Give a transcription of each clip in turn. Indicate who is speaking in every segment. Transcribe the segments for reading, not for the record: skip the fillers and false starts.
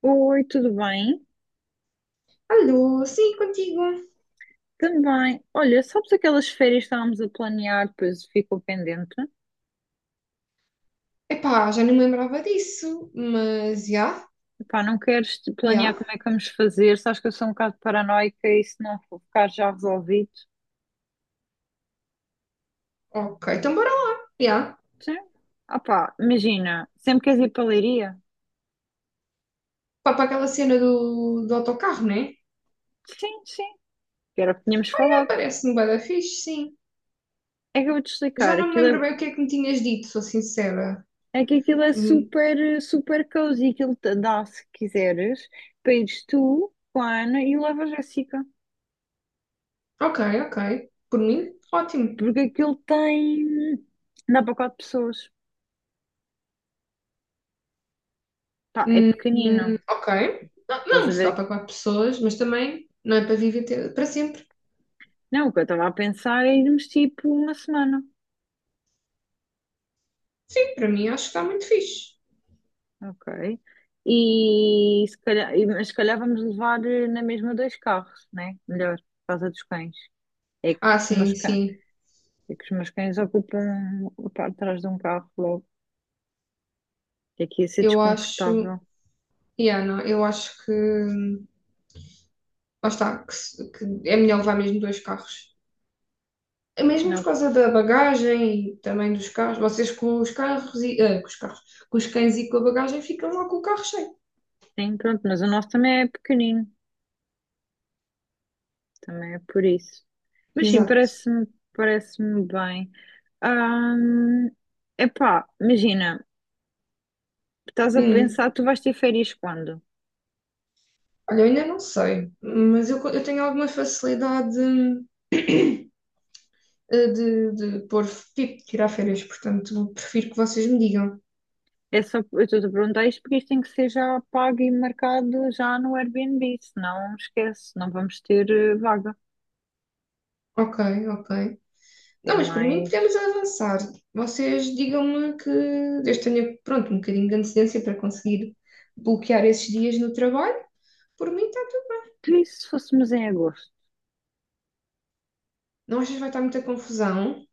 Speaker 1: Oi, tudo bem?
Speaker 2: Alô, sim, contigo.
Speaker 1: Também. Olha, sabes aquelas férias que estávamos a planear, depois ficou pendente?
Speaker 2: Epá, já não me lembrava disso, mas já,
Speaker 1: Epá, não queres te planear
Speaker 2: já.
Speaker 1: como é que vamos fazer? Sabes que eu sou um bocado paranoica e se não for ficar já resolvido?
Speaker 2: Ok, então bora lá, já.
Speaker 1: Sim. Ah pá, imagina, sempre queres ir para a Leiria?
Speaker 2: Pá, para aquela cena do autocarro, né?
Speaker 1: Sim, sim, que era o que tínhamos
Speaker 2: É,
Speaker 1: falado.
Speaker 2: parece-me bué da fixe, sim.
Speaker 1: É que eu vou-te
Speaker 2: Já
Speaker 1: explicar,
Speaker 2: não me
Speaker 1: aquilo
Speaker 2: lembro
Speaker 1: é,
Speaker 2: bem o que é que me tinhas dito, sou sincera.
Speaker 1: é que aquilo é
Speaker 2: Hum,
Speaker 1: super, super cozy, aquilo te dá, se quiseres, para ires tu com a Ana e leva a Jéssica.
Speaker 2: ok, ok. Por mim, ótimo.
Speaker 1: Porque aquilo tem. Dá para quatro pessoas. Pá, é pequenino.
Speaker 2: Ok. Não,
Speaker 1: Estás
Speaker 2: não,
Speaker 1: a
Speaker 2: se dá
Speaker 1: ver?
Speaker 2: para quatro pessoas, mas também não é para para sempre.
Speaker 1: Não, o que eu estava a pensar é irmos tipo uma semana.
Speaker 2: Sim, para mim acho que está muito fixe.
Speaker 1: Ok. E se calhar, e- mas se calhar vamos levar na mesma dois carros, né? Melhor, por causa dos cães. É que
Speaker 2: Ah,
Speaker 1: os meus
Speaker 2: sim,
Speaker 1: cães,
Speaker 2: sim.
Speaker 1: é que os meus cães ocupam a parte de trás de um carro logo. É que ia ser
Speaker 2: Eu acho.
Speaker 1: desconfortável.
Speaker 2: Yeah, não, eu acho que. Lá está, que, se- que é melhor levar mesmo dois carros. É mesmo por
Speaker 1: Não,
Speaker 2: causa da bagagem e também dos carros. Vocês com os carros e. ah, com os carros. Com os cães e com a bagagem ficam lá com o carro cheio.
Speaker 1: sim, pronto, mas o nosso também é pequenino. Também é por isso. Mas sim,
Speaker 2: Exato.
Speaker 1: parece-me bem. É epá, imagina, estás a
Speaker 2: Hum,
Speaker 1: pensar, tu vais ter férias quando?
Speaker 2: Olha, eu ainda não sei, mas eu tenho alguma facilidade de pôr, tipo, tirar férias, portanto, prefiro que vocês me digam.
Speaker 1: É só, eu estou-te a perguntar isto porque isto tem que ser já pago e marcado já no Airbnb, senão esquece, não vamos ter vaga.
Speaker 2: Ok, ok.
Speaker 1: É
Speaker 2: Não, mas por mim podemos
Speaker 1: mais.
Speaker 2: avançar. Vocês digam-me que eu tenha, pronto, um bocadinho de antecedência para conseguir bloquear esses dias no trabalho. Por mim, tá.
Speaker 1: Tu e se fôssemos em agosto?
Speaker 2: Não achas que vai estar muita confusão?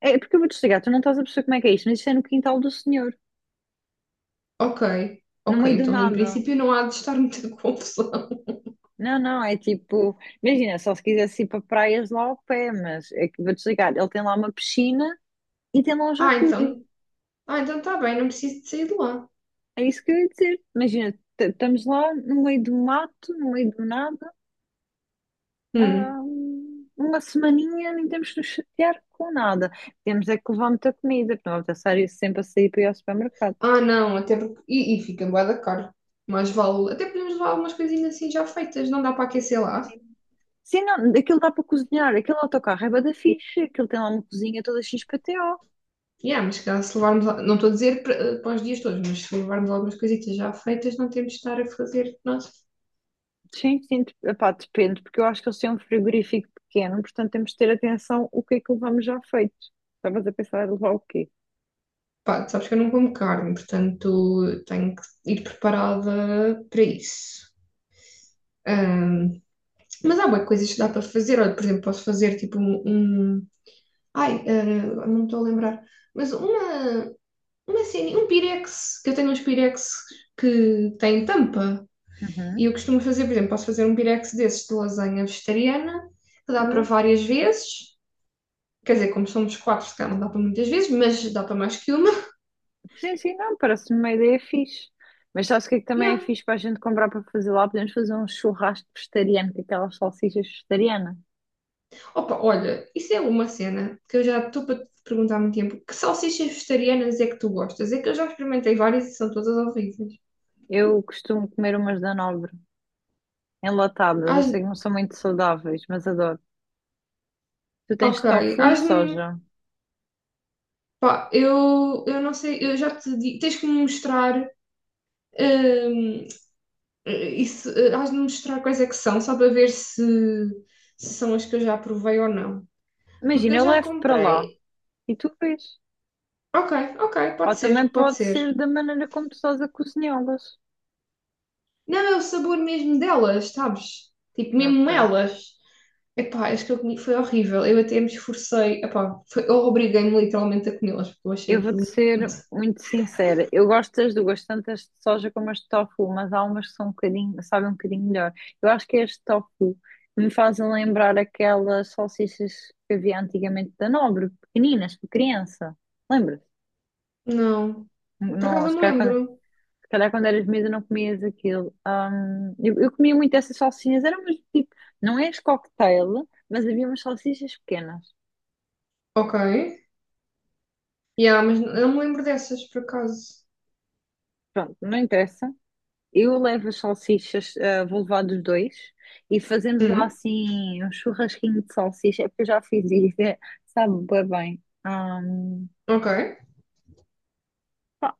Speaker 1: É porque eu vou te explicar, tu não estás a perceber como é que é isto, mas isto é no quintal do senhor,
Speaker 2: Ok,
Speaker 1: no
Speaker 2: ok,
Speaker 1: meio do
Speaker 2: então em
Speaker 1: nada.
Speaker 2: princípio não há de estar muita confusão.
Speaker 1: Não, não, é tipo, imagina, só se quisesse ir para praias lá ao pé, mas é que vou desligar. Ele tem lá uma piscina e tem lá um
Speaker 2: Ah,
Speaker 1: jacuzzi.
Speaker 2: então, ah, então está bem, não preciso de sair de lá.
Speaker 1: É isso que eu ia dizer. Imagina, estamos lá no meio do mato, no meio do nada,
Speaker 2: Hum.
Speaker 1: há uma semaninha, nem temos que nos chatear com nada. Temos é que levar muita comida, porque não vamos estar sempre a sair para ir ao supermercado.
Speaker 2: Ah, não, até porque. E fica bué da caro. Mais vale. Até podemos levar algumas coisinhas assim já feitas, não dá para aquecer lá.
Speaker 1: Sim, não, aquilo dá para cozinhar, aquele autocarro é bué da fixe, aquilo tem lá uma cozinha toda XPTO.
Speaker 2: Yeah, mas se calhar se levarmos, não estou a dizer para, para os dias todos, mas se levarmos algumas coisitas já feitas, não temos de estar a fazer nós.
Speaker 1: Sim, sim, epá, depende, porque eu acho que eles têm um frigorífico pequeno, portanto temos de ter atenção o que é que levamos já feito. Estavas a pensar em levar o quê?
Speaker 2: Pá, sabes que eu não como carne, portanto tenho que ir preparada para isso. Ahm, mas há boas coisas que dá para fazer. Olha, por exemplo, posso fazer ai, ah, não me estou a lembrar. Mas uma cena, um pirex, que eu tenho uns pirex que têm tampa.
Speaker 1: Uhum.
Speaker 2: E eu costumo fazer, por exemplo, posso fazer um pirex desses de lasanha vegetariana, que dá para
Speaker 1: Olha.
Speaker 2: várias vezes. Quer dizer, como somos quatro, se calhar não dá para muitas vezes, mas dá para mais que uma.
Speaker 1: Sim, sim, não, parece-me uma ideia fixe. Mas sabes o que é que também é
Speaker 2: Yeah.
Speaker 1: fixe para a gente comprar para fazer lá? Podemos fazer um churrasco vegetariano, com aquelas salsichas vegetarianas.
Speaker 2: Opa, olha, isso é uma cena que eu já estou para te perguntar há muito tempo. Que salsichas vegetarianas é que tu gostas? É que eu já experimentei várias e são todas horríveis.
Speaker 1: Eu costumo comer umas da Nobre, enlatadas. Eu
Speaker 2: As...
Speaker 1: sei que não são muito saudáveis, mas adoro. Tu tens
Speaker 2: Ok,
Speaker 1: tofu e
Speaker 2: as-me.
Speaker 1: soja.
Speaker 2: Pá, eu não sei, eu já te digo, tens que me mostrar hum, isso, has de me mostrar quais é que são, só para ver se são as que eu já provei ou não. Porque
Speaker 1: Imagina,
Speaker 2: eu
Speaker 1: eu
Speaker 2: já
Speaker 1: levo para lá
Speaker 2: comprei.
Speaker 1: e tu vês.
Speaker 2: Ok, ok,
Speaker 1: Ou
Speaker 2: pode
Speaker 1: também
Speaker 2: ser, pode
Speaker 1: pode
Speaker 2: ser.
Speaker 1: ser da maneira como tu estás a cozinhá-las.
Speaker 2: Não, é o sabor mesmo delas, sabes? Tipo, mesmo
Speaker 1: Ok.
Speaker 2: elas. Epá, acho que eu comi, foi horrível. Eu até me esforcei. Epá, foi, eu obriguei-me literalmente a comê-las, porque eu achei
Speaker 1: Eu vou-te
Speaker 2: aquilo.
Speaker 1: ser muito sincera. Eu gosto das duas, tanto as de soja como as de tofu, mas há umas que são um bocadinho, sabem um bocadinho melhor. Eu acho que é as de tofu me fazem lembrar aquelas salsichas que havia antigamente da Nobre, pequeninas, para criança. Lembras?
Speaker 2: Não. Por
Speaker 1: Não,
Speaker 2: acaso
Speaker 1: se
Speaker 2: não me
Speaker 1: calhar quando,
Speaker 2: lembro.
Speaker 1: se calhar quando eras miúda não comias aquilo. Eu comia muito essas salsinhas, eram umas tipo, não és cocktail, mas havia umas salsichas pequenas.
Speaker 2: Ok. Yeah, mas não não me lembro dessas, por acaso.
Speaker 1: Pronto, não interessa. Eu levo as salsichas, ah, vou levar dos dois e fazemos lá
Speaker 2: Hum,
Speaker 1: assim um churrasquinho de salsicha, é porque eu já fiz isso, é, sabe bué bem. Ah,
Speaker 2: ok.
Speaker 1: pá,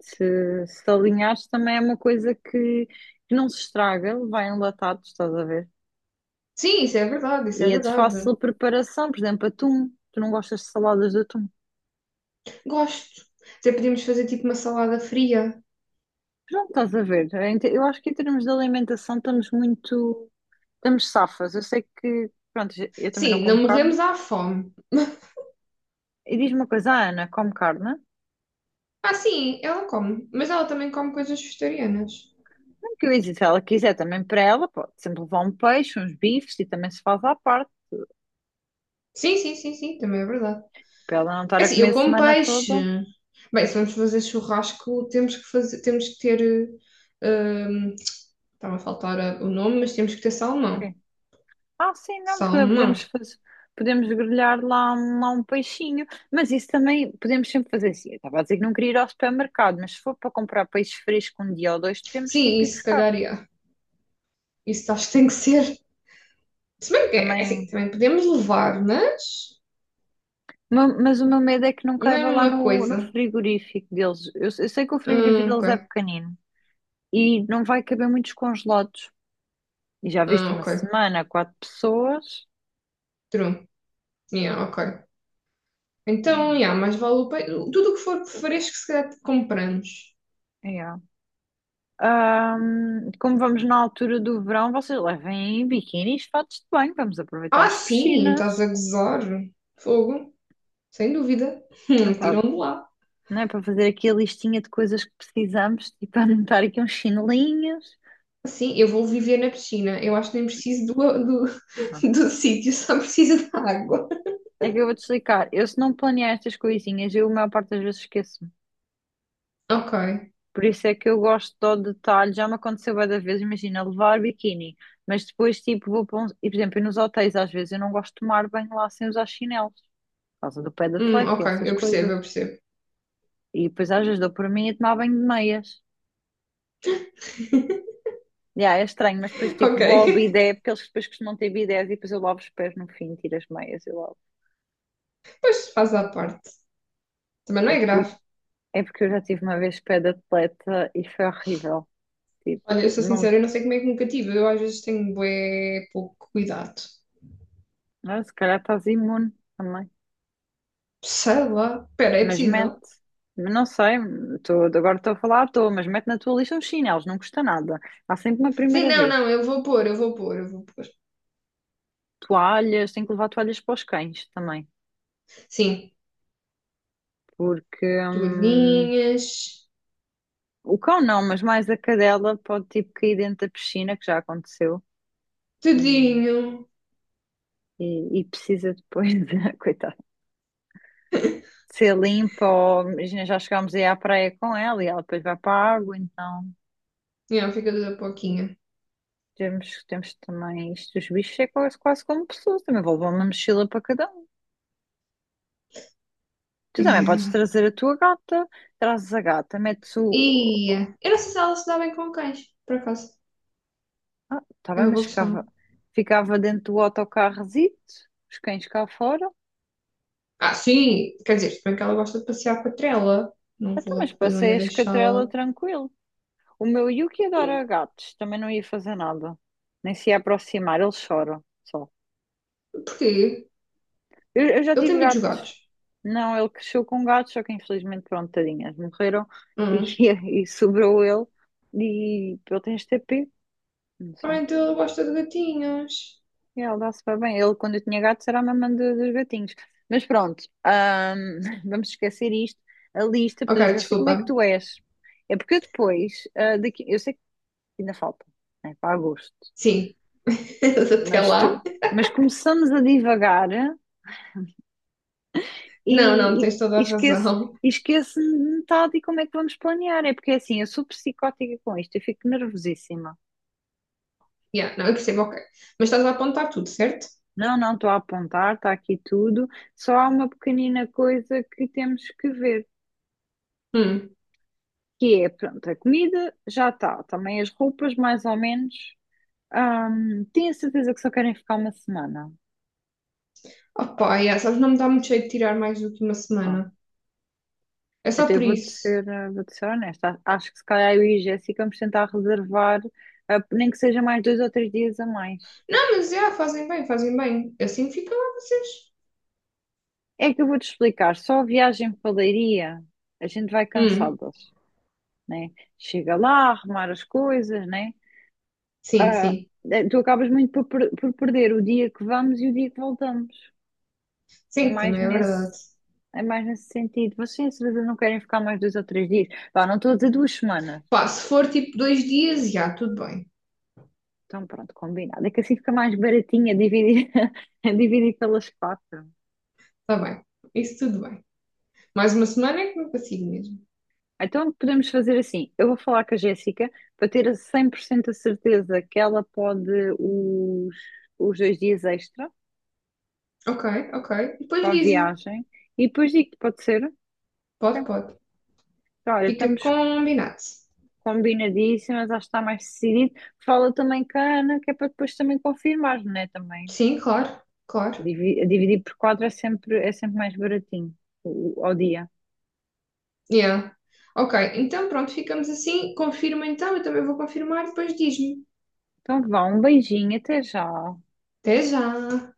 Speaker 1: se alinhares também é uma coisa que não se estraga, vai enlatado, estás a ver?
Speaker 2: Sim, isso é verdade, isso é
Speaker 1: E é de
Speaker 2: verdade.
Speaker 1: fácil preparação, por exemplo, atum. Tu não gostas de saladas de atum?
Speaker 2: Gosto. Até podíamos fazer tipo uma salada fria.
Speaker 1: Pronto, estás a ver. Eu acho que em termos de alimentação estamos muito. Estamos safas. Eu sei que. Pronto, eu também não
Speaker 2: Sim, não
Speaker 1: como carne.
Speaker 2: morremos à fome.
Speaker 1: E diz-me uma coisa, a Ana come carne?
Speaker 2: Ah, sim, ela come. Mas ela também come coisas vegetarianas.
Speaker 1: Que eu disse, se ela quiser também para ela, pode sempre levar um peixe, uns bifes e também se faz à parte,
Speaker 2: Sim, sim, sim, sim, também é verdade.
Speaker 1: para ela não estar
Speaker 2: É
Speaker 1: a
Speaker 2: assim,
Speaker 1: comer
Speaker 2: eu
Speaker 1: a
Speaker 2: como
Speaker 1: semana
Speaker 2: peixe.
Speaker 1: toda.
Speaker 2: Bem, se vamos fazer churrasco, temos que fazer, temos que ter. Uh, estava a faltar o nome, mas temos que ter
Speaker 1: Ok.
Speaker 2: salmão.
Speaker 1: Ah, sim, não,
Speaker 2: Salmão.
Speaker 1: podemos fazer, podemos grelhar lá, lá um peixinho, mas isso também podemos sempre fazer assim. Eu estava a dizer que não queria ir ao supermercado, mas se for para comprar peixe fresco um dia ou dois, podemos
Speaker 2: Sim,
Speaker 1: tipo ir
Speaker 2: isso se
Speaker 1: buscar
Speaker 2: calhar ia. Isso acho que tem que ser. Se bem que é assim,
Speaker 1: também.
Speaker 2: também podemos levar, mas
Speaker 1: Mas o meu medo é que não
Speaker 2: não é a
Speaker 1: caiba lá
Speaker 2: mesma
Speaker 1: no, no
Speaker 2: coisa.
Speaker 1: frigorífico deles. Eu sei que o frigorífico deles é
Speaker 2: Ok.
Speaker 1: pequenino e não vai caber muitos congelados. E já viste uma
Speaker 2: Ok.
Speaker 1: semana, quatro pessoas.
Speaker 2: True. Yeah, ok. Então, yeah, mais vale o peixe. Tudo o que for fresco, se calhar compramos.
Speaker 1: É, é. É. Como vamos na altura do verão, vocês levem biquínis, fatos de banho, vamos aproveitar
Speaker 2: Ah,
Speaker 1: as
Speaker 2: sim, estás
Speaker 1: piscinas.
Speaker 2: a gozar. Fogo. Sem dúvida.
Speaker 1: Não tá-
Speaker 2: Tiram de lá.
Speaker 1: não é para fazer aqui a listinha de coisas que precisamos e para anotar aqui uns chinelinhos.
Speaker 2: Sim, eu vou viver na piscina. Eu acho que nem
Speaker 1: Ah,
Speaker 2: do sítio, só preciso da água.
Speaker 1: é que eu vou-te explicar. Eu, se não planear estas coisinhas, eu a maior parte das vezes esqueço.
Speaker 2: Ok.
Speaker 1: Por isso é que eu gosto do detalhe. Já me aconteceu bué da vez, imagina, levar biquíni, mas depois, tipo, vou para um... E, por exemplo, nos hotéis, às vezes, eu não gosto de tomar banho lá sem usar chinelos, por causa do pé de atleta e
Speaker 2: Ok,
Speaker 1: essas
Speaker 2: eu percebo,
Speaker 1: coisas.
Speaker 2: eu percebo.
Speaker 1: E depois, às vezes, dou por mim a tomar banho de meias. Já, é estranho, mas depois, tipo,
Speaker 2: Ok.
Speaker 1: vou ao bidé, porque eles depois costumam ter bidés e depois eu lavo os pés no fim, tiro as meias e lavo.
Speaker 2: Pois faz à parte. Também não
Speaker 1: É,
Speaker 2: é
Speaker 1: por...
Speaker 2: grave.
Speaker 1: é porque eu já tive uma vez pé de atleta e foi horrível. Tipo,
Speaker 2: Olha, eu sou
Speaker 1: não...
Speaker 2: sincera, eu não sei como é que me cativa. Eu às vezes tenho bué pouco cuidado.
Speaker 1: Ah, se calhar estás imune também.
Speaker 2: Sei lá. Espera, é
Speaker 1: Mas mete,
Speaker 2: possível?
Speaker 1: não sei, tô, agora estou a falar à toa, mas mete na tua lista uns chinelos, não custa nada. Há sempre uma
Speaker 2: Sim,
Speaker 1: primeira
Speaker 2: não,
Speaker 1: vez.
Speaker 2: não, eu vou pôr.
Speaker 1: Toalhas, tem que levar toalhas para os cães também,
Speaker 2: Sim.
Speaker 1: porque
Speaker 2: Toalhinhas.
Speaker 1: o cão não, mas mais a cadela pode tipo cair dentro da piscina, que já aconteceu, e,
Speaker 2: Tudinho.
Speaker 1: e precisa depois, de, coitada, de ser limpa, ou imagina, já chegámos aí à praia com ela e ela depois vai para a água, então
Speaker 2: Yeah, fica tudo a pouquinho.
Speaker 1: temos, temos também isto, os bichos é quase, quase como pessoas, também vou levar uma mochila para cada. Tu também podes
Speaker 2: Yeah.
Speaker 1: trazer a tua gata, trazes a gata, metes o.
Speaker 2: E eu não sei se ela se dá bem com cães, por acaso.
Speaker 1: Ah, tá
Speaker 2: É
Speaker 1: bem,
Speaker 2: uma
Speaker 1: mas
Speaker 2: boa
Speaker 1: ficava,
Speaker 2: questão.
Speaker 1: ficava dentro do autocarrozito, os cães cá fora.
Speaker 2: Ah, sim, quer dizer, se bem que ela gosta de passear com a trela.
Speaker 1: Até, mas
Speaker 2: Não
Speaker 1: passei a
Speaker 2: ia
Speaker 1: escatrela
Speaker 2: deixá-la.
Speaker 1: tranquilo. O meu Yuki adora
Speaker 2: Hum,
Speaker 1: gatos, também não ia fazer nada, nem se ia aproximar, ele chora só.
Speaker 2: porquê?
Speaker 1: Eu já
Speaker 2: Ele tem
Speaker 1: tive
Speaker 2: medo dos
Speaker 1: gatos.
Speaker 2: gatos.
Speaker 1: Não, ele cresceu com gatos, só que infelizmente, pronto, tadinhas, morreram e,
Speaker 2: Hum.
Speaker 1: e sobrou ele. E ele tem este TP, não
Speaker 2: Ah,
Speaker 1: sei.
Speaker 2: então ele gosta de gatinhos.
Speaker 1: Ele dá super bem. Ele, quando eu tinha gatos, era a mamã dos gatinhos. Mas pronto, vamos esquecer isto. A lista,
Speaker 2: Ok,
Speaker 1: porque eu sei como é
Speaker 2: desculpa.
Speaker 1: que tu és. É porque eu depois, ah, daqui, eu sei que ainda falta, né, para agosto,
Speaker 2: Sim. Até
Speaker 1: mas, tu,
Speaker 2: lá.
Speaker 1: mas começamos a divagar
Speaker 2: Não, não,
Speaker 1: e, e,
Speaker 2: tens toda
Speaker 1: e
Speaker 2: a
Speaker 1: esquece,
Speaker 2: razão.
Speaker 1: e esquece metade e como é que vamos planear. É porque assim, eu sou psicótica com isto, eu fico nervosíssima.
Speaker 2: Yeah, não, eu percebo, ok. Mas estás a apontar tudo, certo?
Speaker 1: Não, não, estou a apontar, está aqui tudo. Só há uma pequenina coisa que temos que ver.
Speaker 2: Hum.
Speaker 1: Que é, pronto, a comida já está, também as roupas, mais ou menos. Tenho a certeza que só querem ficar uma semana.
Speaker 2: Opa, yeah, sabes, não me dá muito jeito de tirar mais do que uma
Speaker 1: Pá.
Speaker 2: semana. É só
Speaker 1: Até
Speaker 2: por
Speaker 1: vou-te
Speaker 2: isso.
Speaker 1: ser, vou-te ser honesta. Acho que se calhar eu e a Jéssica vamos tentar reservar, nem que seja mais dois ou três dias a mais.
Speaker 2: Não, mas já, fazem bem, fazem bem. Assim fica lá vocês.
Speaker 1: É que eu vou-te explicar, só a viagem para Leiria, a gente vai
Speaker 2: Hum,
Speaker 1: cansadas, né? Chega lá, arrumar as coisas, né?
Speaker 2: sim,
Speaker 1: Ah,
Speaker 2: sim.
Speaker 1: tu acabas muito por, por perder o dia que vamos e o dia que voltamos. É
Speaker 2: Sim,
Speaker 1: mais
Speaker 2: também é verdade.
Speaker 1: nesse, é mais nesse sentido. Vocês, às vezes, não querem ficar mais dois ou três dias. Pá, não estou a dizer duas semanas.
Speaker 2: Pá, se for tipo dois dias, já, tudo bem.
Speaker 1: Então, pronto, combinado. É que assim fica mais baratinho a dividir, a dividir pelas quatro.
Speaker 2: Está bem. Isso tudo bem. Mais uma semana é que não consigo mesmo.
Speaker 1: Então, podemos fazer assim. Eu vou falar com a Jéssica para ter a 100% a certeza que ela pode os, os dois dias extra
Speaker 2: Ok, ok. Depois
Speaker 1: para a
Speaker 2: dizem.
Speaker 1: viagem. E depois digo, pode ser? Ok.
Speaker 2: Pode, pode.
Speaker 1: Então, olha,
Speaker 2: Fica
Speaker 1: estamos
Speaker 2: combinado.
Speaker 1: combinadíssimas, acho que está mais decidido. Fala também com a Ana, que é para depois também confirmar, não é? Também.
Speaker 2: Sim, claro, claro.
Speaker 1: Dividir por quatro é sempre mais baratinho ao dia.
Speaker 2: Yeah. Ok, então pronto, ficamos assim. Confirma então, eu também vou confirmar, depois diz-me.
Speaker 1: Então vá, um beijinho, até já.
Speaker 2: Até já!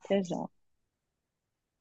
Speaker 1: Até já.